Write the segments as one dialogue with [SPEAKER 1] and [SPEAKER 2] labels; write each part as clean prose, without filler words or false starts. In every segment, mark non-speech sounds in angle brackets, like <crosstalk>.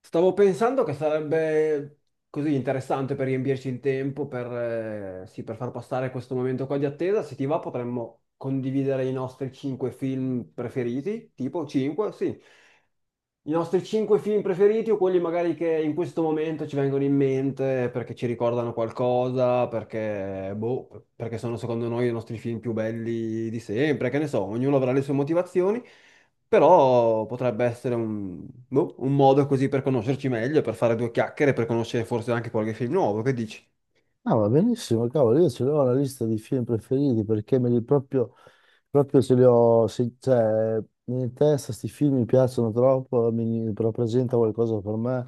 [SPEAKER 1] Stavo pensando che sarebbe così interessante per riempirci il tempo, per, sì, per far passare questo momento qua di attesa. Se ti va, potremmo condividere i nostri cinque film preferiti, tipo cinque, sì. I nostri cinque film preferiti o quelli magari che in questo momento ci vengono in mente perché ci ricordano qualcosa, perché, boh, perché sono secondo noi i nostri film più belli di sempre, che ne so, ognuno avrà le sue motivazioni, però potrebbe essere un, boh, un modo così per conoscerci meglio, per fare due chiacchiere, per conoscere forse anche qualche film nuovo, che dici?
[SPEAKER 2] No, va benissimo, cavolo, io ce l'ho la lista di film preferiti perché me li proprio, proprio ce li ho, cioè, in testa questi film mi piacciono troppo, mi rappresenta qualcosa per me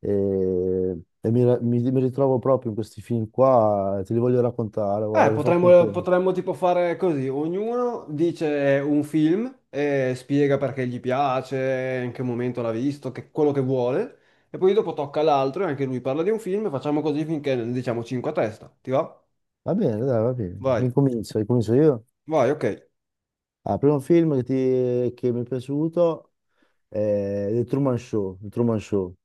[SPEAKER 2] e mi, mi ritrovo proprio in questi film qua, te li voglio raccontare,
[SPEAKER 1] Eh,
[SPEAKER 2] guarda, che ho fatto
[SPEAKER 1] potremmo,
[SPEAKER 2] anche...
[SPEAKER 1] potremmo tipo fare così, ognuno dice un film e spiega perché gli piace, in che momento l'ha visto, quello che vuole, e poi dopo tocca all'altro e anche lui parla di un film e facciamo così finché ne diciamo 5 a testa, ti va?
[SPEAKER 2] Va bene, dai, va bene,
[SPEAKER 1] Vai,
[SPEAKER 2] incomincio io.
[SPEAKER 1] vai, ok.
[SPEAKER 2] Ah, primo film che mi è piaciuto è The Truman Show, The Truman Show.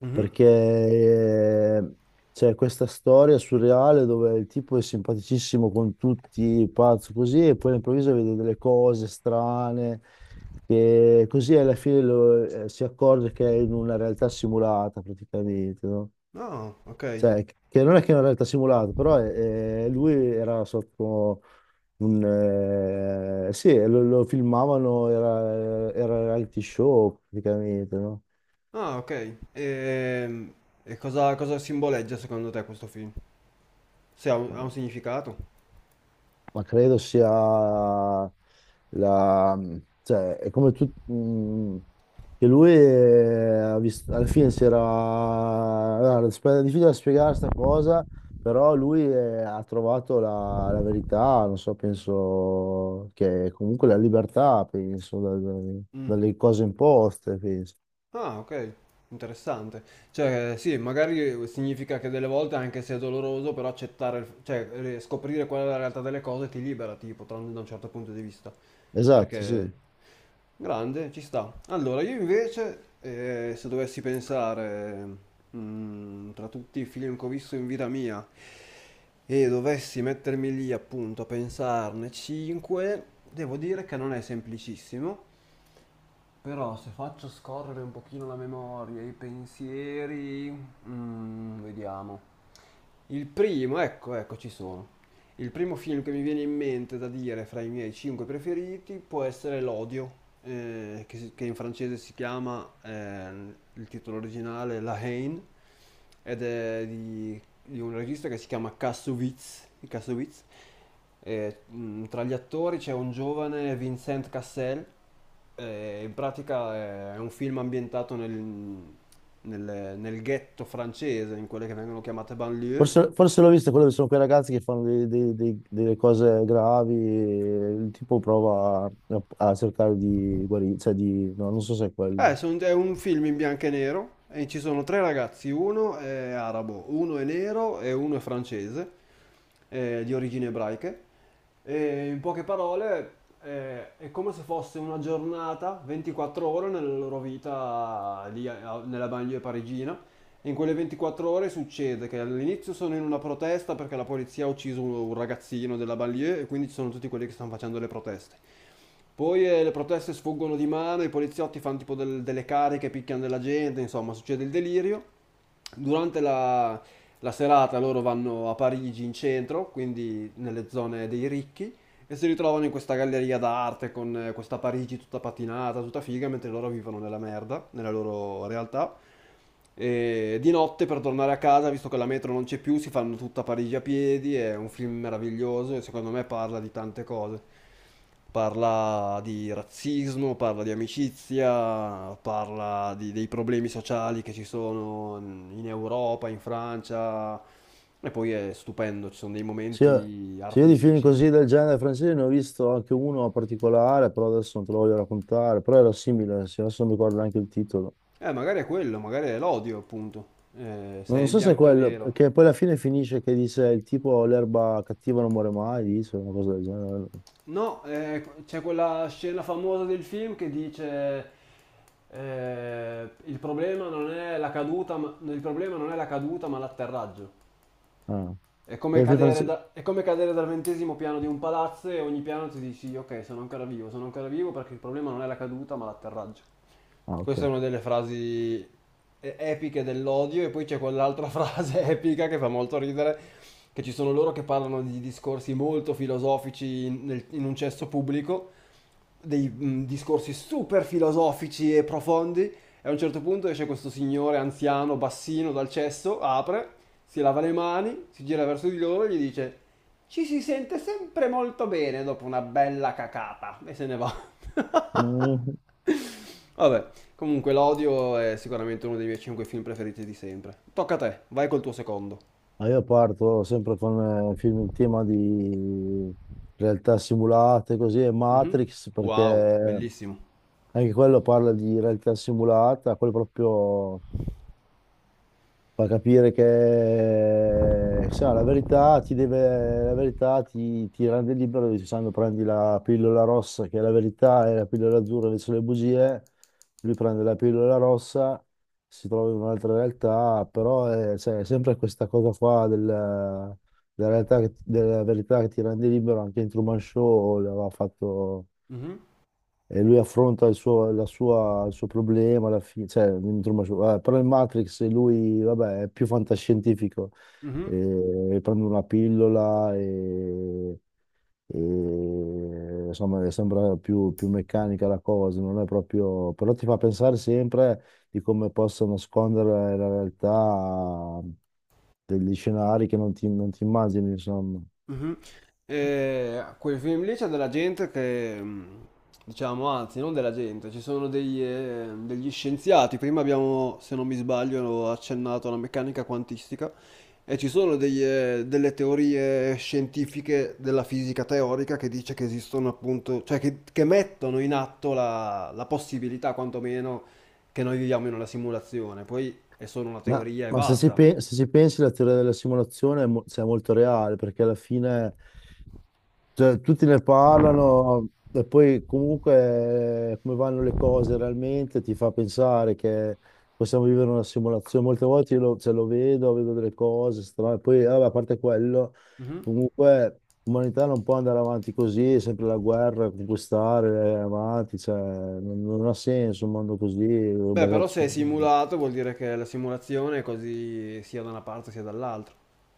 [SPEAKER 1] Mhm.
[SPEAKER 2] Perché c'è questa storia surreale dove il tipo è simpaticissimo con tutti, pazzo così, e poi all'improvviso vede delle cose strane, che così alla fine si accorge che è in una realtà simulata praticamente, no?
[SPEAKER 1] Ah, ok.
[SPEAKER 2] Cioè, che non è che è una realtà simulata, però lui era sotto un... sì, lo filmavano, era reality show praticamente, no?
[SPEAKER 1] Ah, ok. E, cosa simboleggia secondo te questo film? Se ha un significato?
[SPEAKER 2] Ma credo sia la, cioè, è come tu, che lui alla fine si era, è difficile da spiegare questa cosa, però lui ha trovato la, la verità, non so, penso che comunque la libertà, penso, dalle cose imposte, penso.
[SPEAKER 1] Ah, ok, interessante. Cioè, sì, magari significa che delle volte, anche se è doloroso, però accettare, cioè, scoprire qual è la realtà delle cose ti libera, tipo, da un certo punto di vista.
[SPEAKER 2] Esatto,
[SPEAKER 1] Perché,
[SPEAKER 2] sì.
[SPEAKER 1] grande, ci sta. Allora, io invece, se dovessi pensare, tra tutti i film che ho visto in vita mia, e dovessi mettermi lì appunto a pensarne 5, devo dire che non è semplicissimo. Però se faccio scorrere un pochino la memoria, i pensieri, vediamo. Il primo, ecco, ecco, ci sono. Il primo film che mi viene in mente da dire fra i miei cinque preferiti può essere L'Odio, che in francese si chiama, il titolo originale, La Haine, ed è di un regista che si chiama Kassovitz. Kassovitz. E, tra gli attori c'è un giovane Vincent Cassel. E in pratica è un film ambientato nel ghetto francese, in quelle che vengono chiamate banlieue.
[SPEAKER 2] Forse, forse l'ho visto, quello che sono quei ragazzi che fanno delle cose gravi e il tipo prova a cercare di guarire, cioè di... no, non so se è
[SPEAKER 1] Eh,
[SPEAKER 2] quello.
[SPEAKER 1] son- è un film in bianco e nero e ci sono tre ragazzi, uno è arabo, uno è nero e uno è francese, di origini ebraiche. E in poche parole, è come se fosse una giornata, 24 ore nella loro vita lì nella banlieue parigina. E in quelle 24 ore succede che all'inizio sono in una protesta perché la polizia ha ucciso un ragazzino della banlieue e quindi ci sono tutti quelli che stanno facendo le proteste. Poi le proteste sfuggono di mano, i poliziotti fanno tipo delle cariche, picchiano della gente, insomma, succede il delirio. Durante la serata loro vanno a Parigi in centro, quindi nelle zone dei ricchi, e si ritrovano in questa galleria d'arte con questa Parigi tutta patinata, tutta figa, mentre loro vivono nella merda, nella loro realtà. E di notte per tornare a casa, visto che la metro non c'è più, si fanno tutta Parigi a piedi. È un film meraviglioso e secondo me parla di tante cose. Parla di razzismo, parla di amicizia, parla dei problemi sociali che ci sono in Europa, in Francia. E poi è stupendo, ci sono dei
[SPEAKER 2] Se io,
[SPEAKER 1] momenti
[SPEAKER 2] se io di film
[SPEAKER 1] artistici.
[SPEAKER 2] così del genere francese ne ho visto anche uno particolare, però adesso non te lo voglio raccontare, però era simile, sì, adesso non mi ricordo neanche il titolo.
[SPEAKER 1] Magari è quello, magari è l'odio, appunto. Eh,
[SPEAKER 2] Non
[SPEAKER 1] sei in
[SPEAKER 2] so se è
[SPEAKER 1] bianco e
[SPEAKER 2] quello,
[SPEAKER 1] nero.
[SPEAKER 2] che poi alla fine finisce che dice il tipo l'erba cattiva non muore mai, dice una cosa del genere.
[SPEAKER 1] No, c'è quella scena famosa del film che dice il problema non è la caduta, ma l'atterraggio.
[SPEAKER 2] Ah,
[SPEAKER 1] È
[SPEAKER 2] è
[SPEAKER 1] come
[SPEAKER 2] il film
[SPEAKER 1] cadere,
[SPEAKER 2] francese.
[SPEAKER 1] è come cadere dal 20° piano di un palazzo e ogni piano ti dici ok, sono ancora vivo perché il problema non è la caduta, ma l'atterraggio.
[SPEAKER 2] Ah, ok.
[SPEAKER 1] Questa è una delle frasi epiche dell'odio e poi c'è quell'altra <laughs> frase epica che fa molto ridere, che ci sono loro che parlano di discorsi molto filosofici in un cesso pubblico, dei discorsi super filosofici e profondi e a un certo punto esce questo signore anziano, bassino dal cesso, apre, si lava le mani, si gira verso di loro e gli dice ci si sente sempre molto bene dopo una bella cacata e se ne va.
[SPEAKER 2] Mm.
[SPEAKER 1] <laughs> Vabbè, comunque, L'Odio è sicuramente uno dei miei 5 film preferiti di sempre. Tocca a te, vai col tuo secondo.
[SPEAKER 2] Ma io parto sempre con film in tema di realtà simulate, così, e
[SPEAKER 1] Mhm.
[SPEAKER 2] Matrix,
[SPEAKER 1] Wow,
[SPEAKER 2] perché
[SPEAKER 1] bellissimo.
[SPEAKER 2] anche quello parla di realtà simulata, quello proprio fa capire che se no, la verità ti deve, la verità ti, ti rende libero dicendo prendi la pillola rossa che è la verità e la pillola azzurra invece sono le bugie, lui prende la pillola rossa, si trova in un'altra realtà, però è, cioè, è sempre questa cosa qua della realtà della verità che ti rende libero, anche in Truman Show l'aveva fatto
[SPEAKER 1] Mhm,
[SPEAKER 2] e lui affronta il suo, il suo problema alla fine, cioè, non mi trovo- però in Matrix lui, vabbè, è più fantascientifico,
[SPEAKER 1] mhm.
[SPEAKER 2] prende una pillola e insomma sembra più, più meccanica la cosa, non è proprio, però ti fa pensare sempre di come possa nascondere la realtà degli scenari che non ti, non ti immagini, insomma.
[SPEAKER 1] Mhm. E a quei film lì c'è della gente che, diciamo, anzi, non della gente, ci sono degli scienziati. Prima abbiamo, se non mi sbaglio, accennato alla meccanica quantistica e ci sono delle teorie scientifiche della fisica teorica che dice che esistono appunto, cioè che mettono in atto la possibilità, quantomeno, che noi viviamo in una simulazione. Poi è solo una teoria e
[SPEAKER 2] Ma se si,
[SPEAKER 1] basta.
[SPEAKER 2] se si pensi la teoria della simulazione è, cioè, è molto reale perché alla fine cioè, tutti ne parlano e poi comunque come vanno le cose realmente ti fa pensare che possiamo vivere una simulazione. Molte volte io lo, cioè, lo vedo, vedo delle cose strane, poi vabbè, a parte quello,
[SPEAKER 1] Mhm.
[SPEAKER 2] comunque l'umanità non può andare avanti così, è sempre la guerra, conquistare, avanti, cioè, non, non ha senso un mondo così
[SPEAKER 1] Beh, però
[SPEAKER 2] basato
[SPEAKER 1] se è
[SPEAKER 2] sulla guerra.
[SPEAKER 1] simulato vuol dire che la simulazione è così sia da una parte sia dall'altra.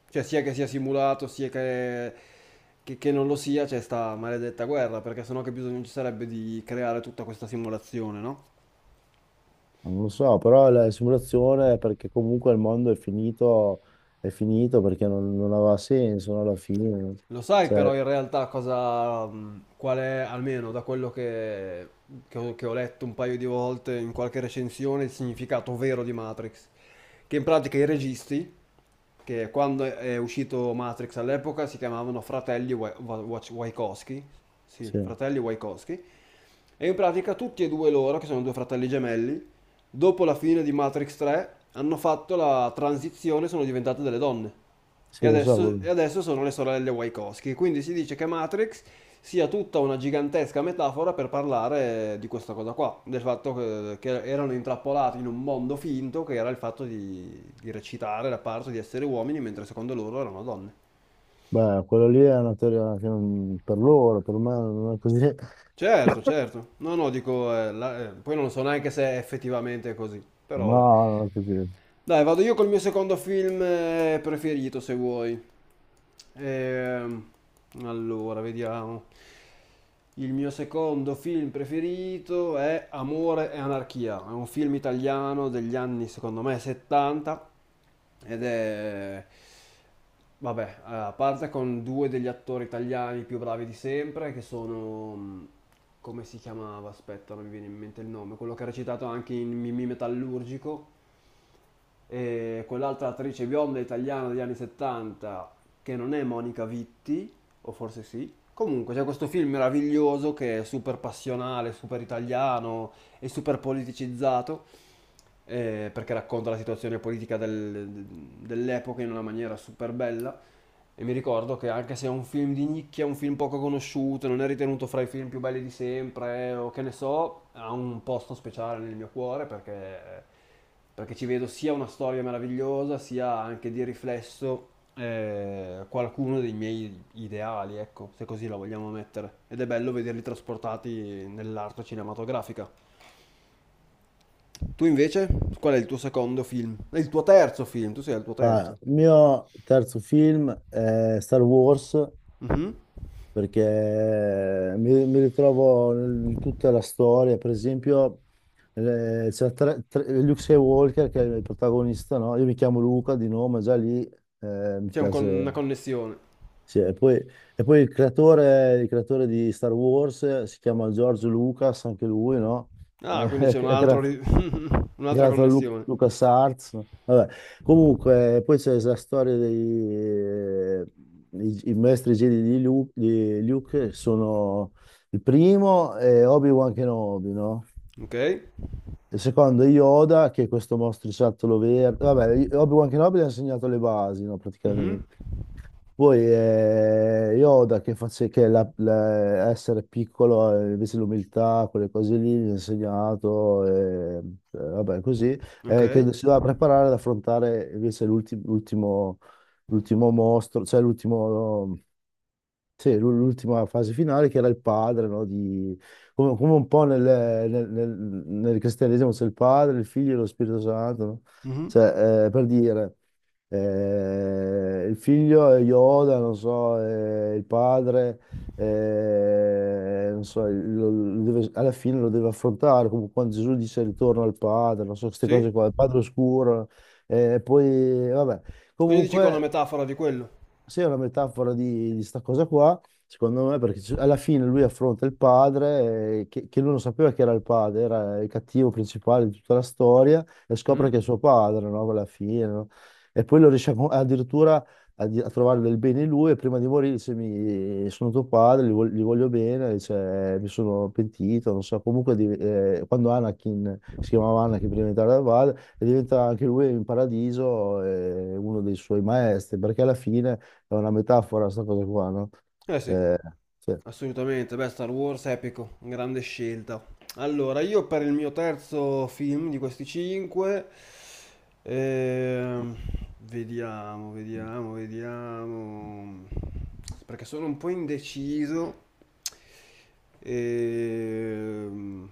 [SPEAKER 1] Cioè sia che sia simulato, sia che non lo sia, c'è sta maledetta guerra, perché sennò che bisogno ci sarebbe di creare tutta questa simulazione, no?
[SPEAKER 2] Non lo so, però la simulazione è perché comunque il mondo è finito perché non, non aveva senso, no, alla fine.
[SPEAKER 1] Lo sai però
[SPEAKER 2] Cioè,
[SPEAKER 1] in realtà cosa, qual è, almeno da quello che ho letto un paio di volte in qualche recensione, il significato vero di Matrix? Che in pratica i registi, che quando è uscito Matrix all'epoca si chiamavano fratelli Wachowski, sì,
[SPEAKER 2] sì,
[SPEAKER 1] fratelli Wachowski, e in pratica tutti e due loro, che sono due fratelli gemelli, dopo la fine di Matrix 3 hanno fatto la transizione, sono diventate delle donne. E
[SPEAKER 2] sì, lo so.
[SPEAKER 1] adesso, e adesso sono le sorelle Wachowski. Quindi si dice che Matrix sia tutta una gigantesca metafora per parlare di questa cosa qua, del fatto che erano intrappolati in un mondo finto che era il fatto di recitare la parte di essere uomini, mentre secondo loro erano donne.
[SPEAKER 2] Beh, quello lì è una teoria che per loro, per me non è così. <laughs>
[SPEAKER 1] Certo, certo. No, no, dico, poi non so neanche se è effettivamente così, però
[SPEAKER 2] No,
[SPEAKER 1] vabbè.
[SPEAKER 2] non è così.
[SPEAKER 1] Dai, vado io col mio secondo film preferito, se vuoi. Ehm, allora, vediamo. Il mio secondo film preferito è Amore e anarchia. È un film italiano degli anni, secondo me, 70 ed è... Vabbè, a parte con due degli attori italiani più bravi di sempre, che sono... come si chiamava? Aspetta, non mi viene in mente il nome. Quello che ha recitato anche in Mimì Metallurgico. E quell'altra attrice bionda italiana degli anni 70 che non è Monica Vitti, o forse sì. Comunque c'è questo film meraviglioso che è super passionale, super italiano e super politicizzato perché racconta la situazione politica dell'epoca in una maniera super bella. E mi ricordo che anche se è un film di nicchia, un film poco conosciuto, non è ritenuto fra i film più belli di sempre, o che ne so, ha un posto speciale nel mio cuore perché, ci vedo sia una storia meravigliosa, sia anche di riflesso qualcuno dei miei ideali, ecco, se così la vogliamo mettere. Ed è bello vederli trasportati nell'arte cinematografica. Tu invece, qual è il tuo secondo film? È il tuo terzo film, tu sei al tuo
[SPEAKER 2] Ah,
[SPEAKER 1] terzo.
[SPEAKER 2] il mio terzo film è Star Wars
[SPEAKER 1] Mhm.
[SPEAKER 2] perché mi ritrovo in tutta la storia, per esempio Luke Skywalker che è il protagonista, no? Io mi chiamo Luca di nome, già lì, mi
[SPEAKER 1] C'è
[SPEAKER 2] piace.
[SPEAKER 1] una connessione.
[SPEAKER 2] Sì, e poi il creatore di Star Wars si chiama George Lucas, anche lui, no? <laughs>
[SPEAKER 1] Ah, quindi
[SPEAKER 2] È,
[SPEAKER 1] c'è
[SPEAKER 2] è,
[SPEAKER 1] <laughs> un'altra connessione.
[SPEAKER 2] Lucas Arts. Vabbè. Comunque, poi c'è la storia dei i maestri Jedi di Luke che sono il primo è Obi-Wan Kenobi, no?
[SPEAKER 1] Ok.
[SPEAKER 2] Il secondo è Yoda, che è questo mostriciattolo verde. Vabbè, Obi-Wan Kenobi gli ha insegnato le basi, no,
[SPEAKER 1] Mhm.
[SPEAKER 2] praticamente. Poi Yoda che face- che la- la- essere piccolo, invece l'umiltà, quelle cose lì, mi ha insegnato, vabbè, così,
[SPEAKER 1] Ok.
[SPEAKER 2] che si doveva preparare ad affrontare invece l'ultimo l'ultimo mostro, cioè l'ultimo. Sì, l'ultima fase finale che era il padre, no? Di... Come, come un po' nel- nel- nel cristianesimo c'è il padre, il figlio e lo Spirito Santo, no?
[SPEAKER 1] Mhm.
[SPEAKER 2] Cioè, per dire, il figlio è Yoda, non so, il padre, non so, alla fine lo deve affrontare, come quando Gesù dice ritorno al padre, non so, queste cose
[SPEAKER 1] Sì.
[SPEAKER 2] qua, il padre oscuro, poi, vabbè.
[SPEAKER 1] Quindi dici che è una
[SPEAKER 2] Comunque...
[SPEAKER 1] metafora di quello.
[SPEAKER 2] Sì, è una metafora di sta cosa qua, secondo me, perché alla fine lui affronta il padre, che lui non sapeva che era il padre, era il cattivo principale di tutta la storia, e scopre
[SPEAKER 1] Mhm.
[SPEAKER 2] che è suo padre, no? Alla fine, no? E poi lo riesce addirittura a trovare del bene in lui, e prima di morire dice, mi, sono tuo padre, li, li voglio bene, dice, mi sono pentito, non so, comunque quando Anakin, si chiamava Anakin prima di entrare dal padre, e diventa anche lui in paradiso, uno dei suoi maestri, perché alla fine è una metafora sta cosa qua, no?
[SPEAKER 1] Eh sì,
[SPEAKER 2] Eh, sì.
[SPEAKER 1] assolutamente. Beh, Star Wars epico, grande scelta. Allora, io per il mio terzo film di questi cinque, ehm, vediamo, vediamo, vediamo, perché sono un po' indeciso. Ehm,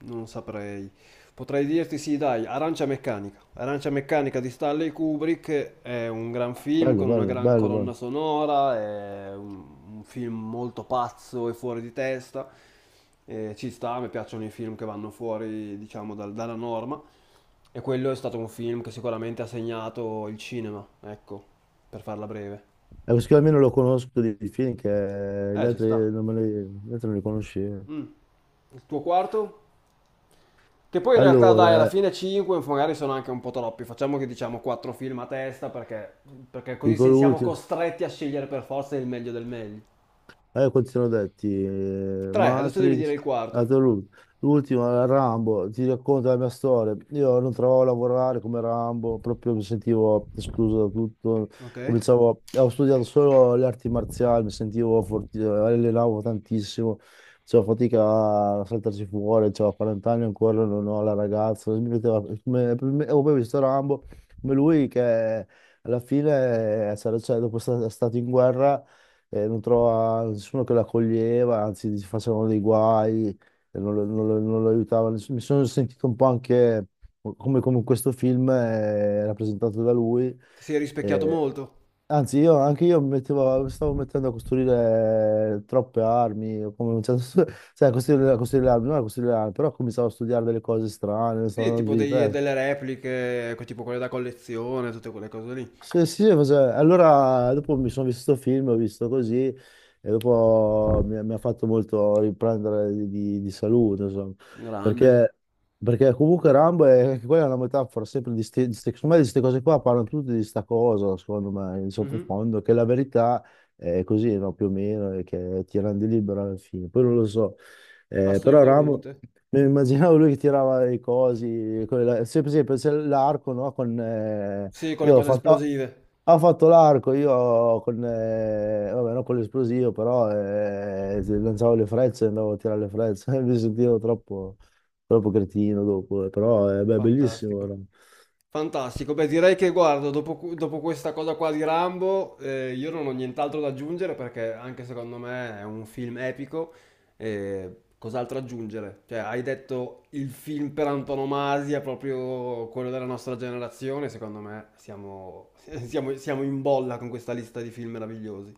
[SPEAKER 1] non saprei. Potrei dirti sì, dai, Arancia Meccanica. Arancia Meccanica di Stanley Kubrick è un gran film
[SPEAKER 2] Bello,
[SPEAKER 1] con una
[SPEAKER 2] bello,
[SPEAKER 1] gran
[SPEAKER 2] bello,
[SPEAKER 1] colonna
[SPEAKER 2] bello.
[SPEAKER 1] sonora, è un film molto pazzo e fuori di testa. Ci sta, mi piacciono i film che vanno fuori, diciamo, dalla norma. E quello è stato un film che sicuramente ha segnato il cinema, ecco, per farla breve.
[SPEAKER 2] E questo qui almeno lo conosco di film che gli
[SPEAKER 1] Ci sta.
[SPEAKER 2] altri non, me li, gli altri non li conoscevo.
[SPEAKER 1] Mm. Il tuo quarto? Che poi in realtà dai, alla
[SPEAKER 2] Allora,
[SPEAKER 1] fine 5 magari sono anche un po' troppi, facciamo che diciamo 4 film a testa perché, così
[SPEAKER 2] dico
[SPEAKER 1] siamo
[SPEAKER 2] l'ultimo.
[SPEAKER 1] costretti a scegliere per forza il meglio del meglio.
[SPEAKER 2] Quanti sono detti?
[SPEAKER 1] 3, adesso devi dire
[SPEAKER 2] Matrix,
[SPEAKER 1] il quarto.
[SPEAKER 2] Altro l'ul- l'ultimo, Rambo, ti racconto la mia storia. Io non trovavo a lavorare come Rambo, proprio mi sentivo escluso da tutto.
[SPEAKER 1] Ok.
[SPEAKER 2] Cominciavo, ho studiato solo le arti marziali, mi sentivo forti, allenavo tantissimo, facevo fatica a saltarci fuori, avevo 40 anni ancora, non ho la ragazza. Mi metteva, me- me- ho poi visto Rambo, come lui che alla fine, cioè, dopo è stato in guerra e non trova nessuno che lo accoglieva, anzi gli facevano dei guai, e non, non lo aiutava nessuno. Mi sono sentito un po' anche come, come in questo film rappresentato da lui.
[SPEAKER 1] Ti sei rispecchiato
[SPEAKER 2] Eh,
[SPEAKER 1] molto?
[SPEAKER 2] anche io mi stavo mettendo a costruire troppe armi, o come, cioè, <laughs> cioè, a costruire le armi, non a costruire le armi, però cominciavo a studiare delle cose strane, stavo
[SPEAKER 1] Sì,
[SPEAKER 2] andando
[SPEAKER 1] tipo
[SPEAKER 2] giù di testa.
[SPEAKER 1] delle repliche, ecco, tipo quelle da collezione, tutte quelle cose lì.
[SPEAKER 2] Allora dopo mi sono visto questo film, ho visto così e dopo mi, mi ha fatto molto riprendere di, di salute, insomma,
[SPEAKER 1] Grande.
[SPEAKER 2] perché, perché comunque Rambo è, anche quella è una metafora sempre di queste cose qua, parlano tutti di sta cosa, secondo me, in
[SPEAKER 1] Mhm,
[SPEAKER 2] sottofondo, che la verità è così, no, più o meno, e che ti rende libero alla fine, poi non lo so, eh, però Rambo...
[SPEAKER 1] assolutamente.
[SPEAKER 2] Mi immaginavo lui che tirava le cose, sempre, l'arco, no? Con,
[SPEAKER 1] Sì, con le
[SPEAKER 2] io ho
[SPEAKER 1] cose
[SPEAKER 2] fatto,
[SPEAKER 1] esplosive.
[SPEAKER 2] ho fatto l'arco, io con, vabbè, non con l'esplosivo, però se lanciavo le frecce, andavo a tirare le frecce, <laughs> mi sentivo troppo, troppo cretino dopo, però è beh, bellissimo.
[SPEAKER 1] Fantastico.
[SPEAKER 2] Era.
[SPEAKER 1] Fantastico, beh direi che guardo, dopo, dopo questa cosa qua di Rambo, io non ho nient'altro da aggiungere perché anche secondo me è un film epico, cos'altro aggiungere? Cioè, hai detto il film per antonomasia, proprio quello della nostra generazione, secondo me siamo, <laughs> siamo in bolla con questa lista di film meravigliosi.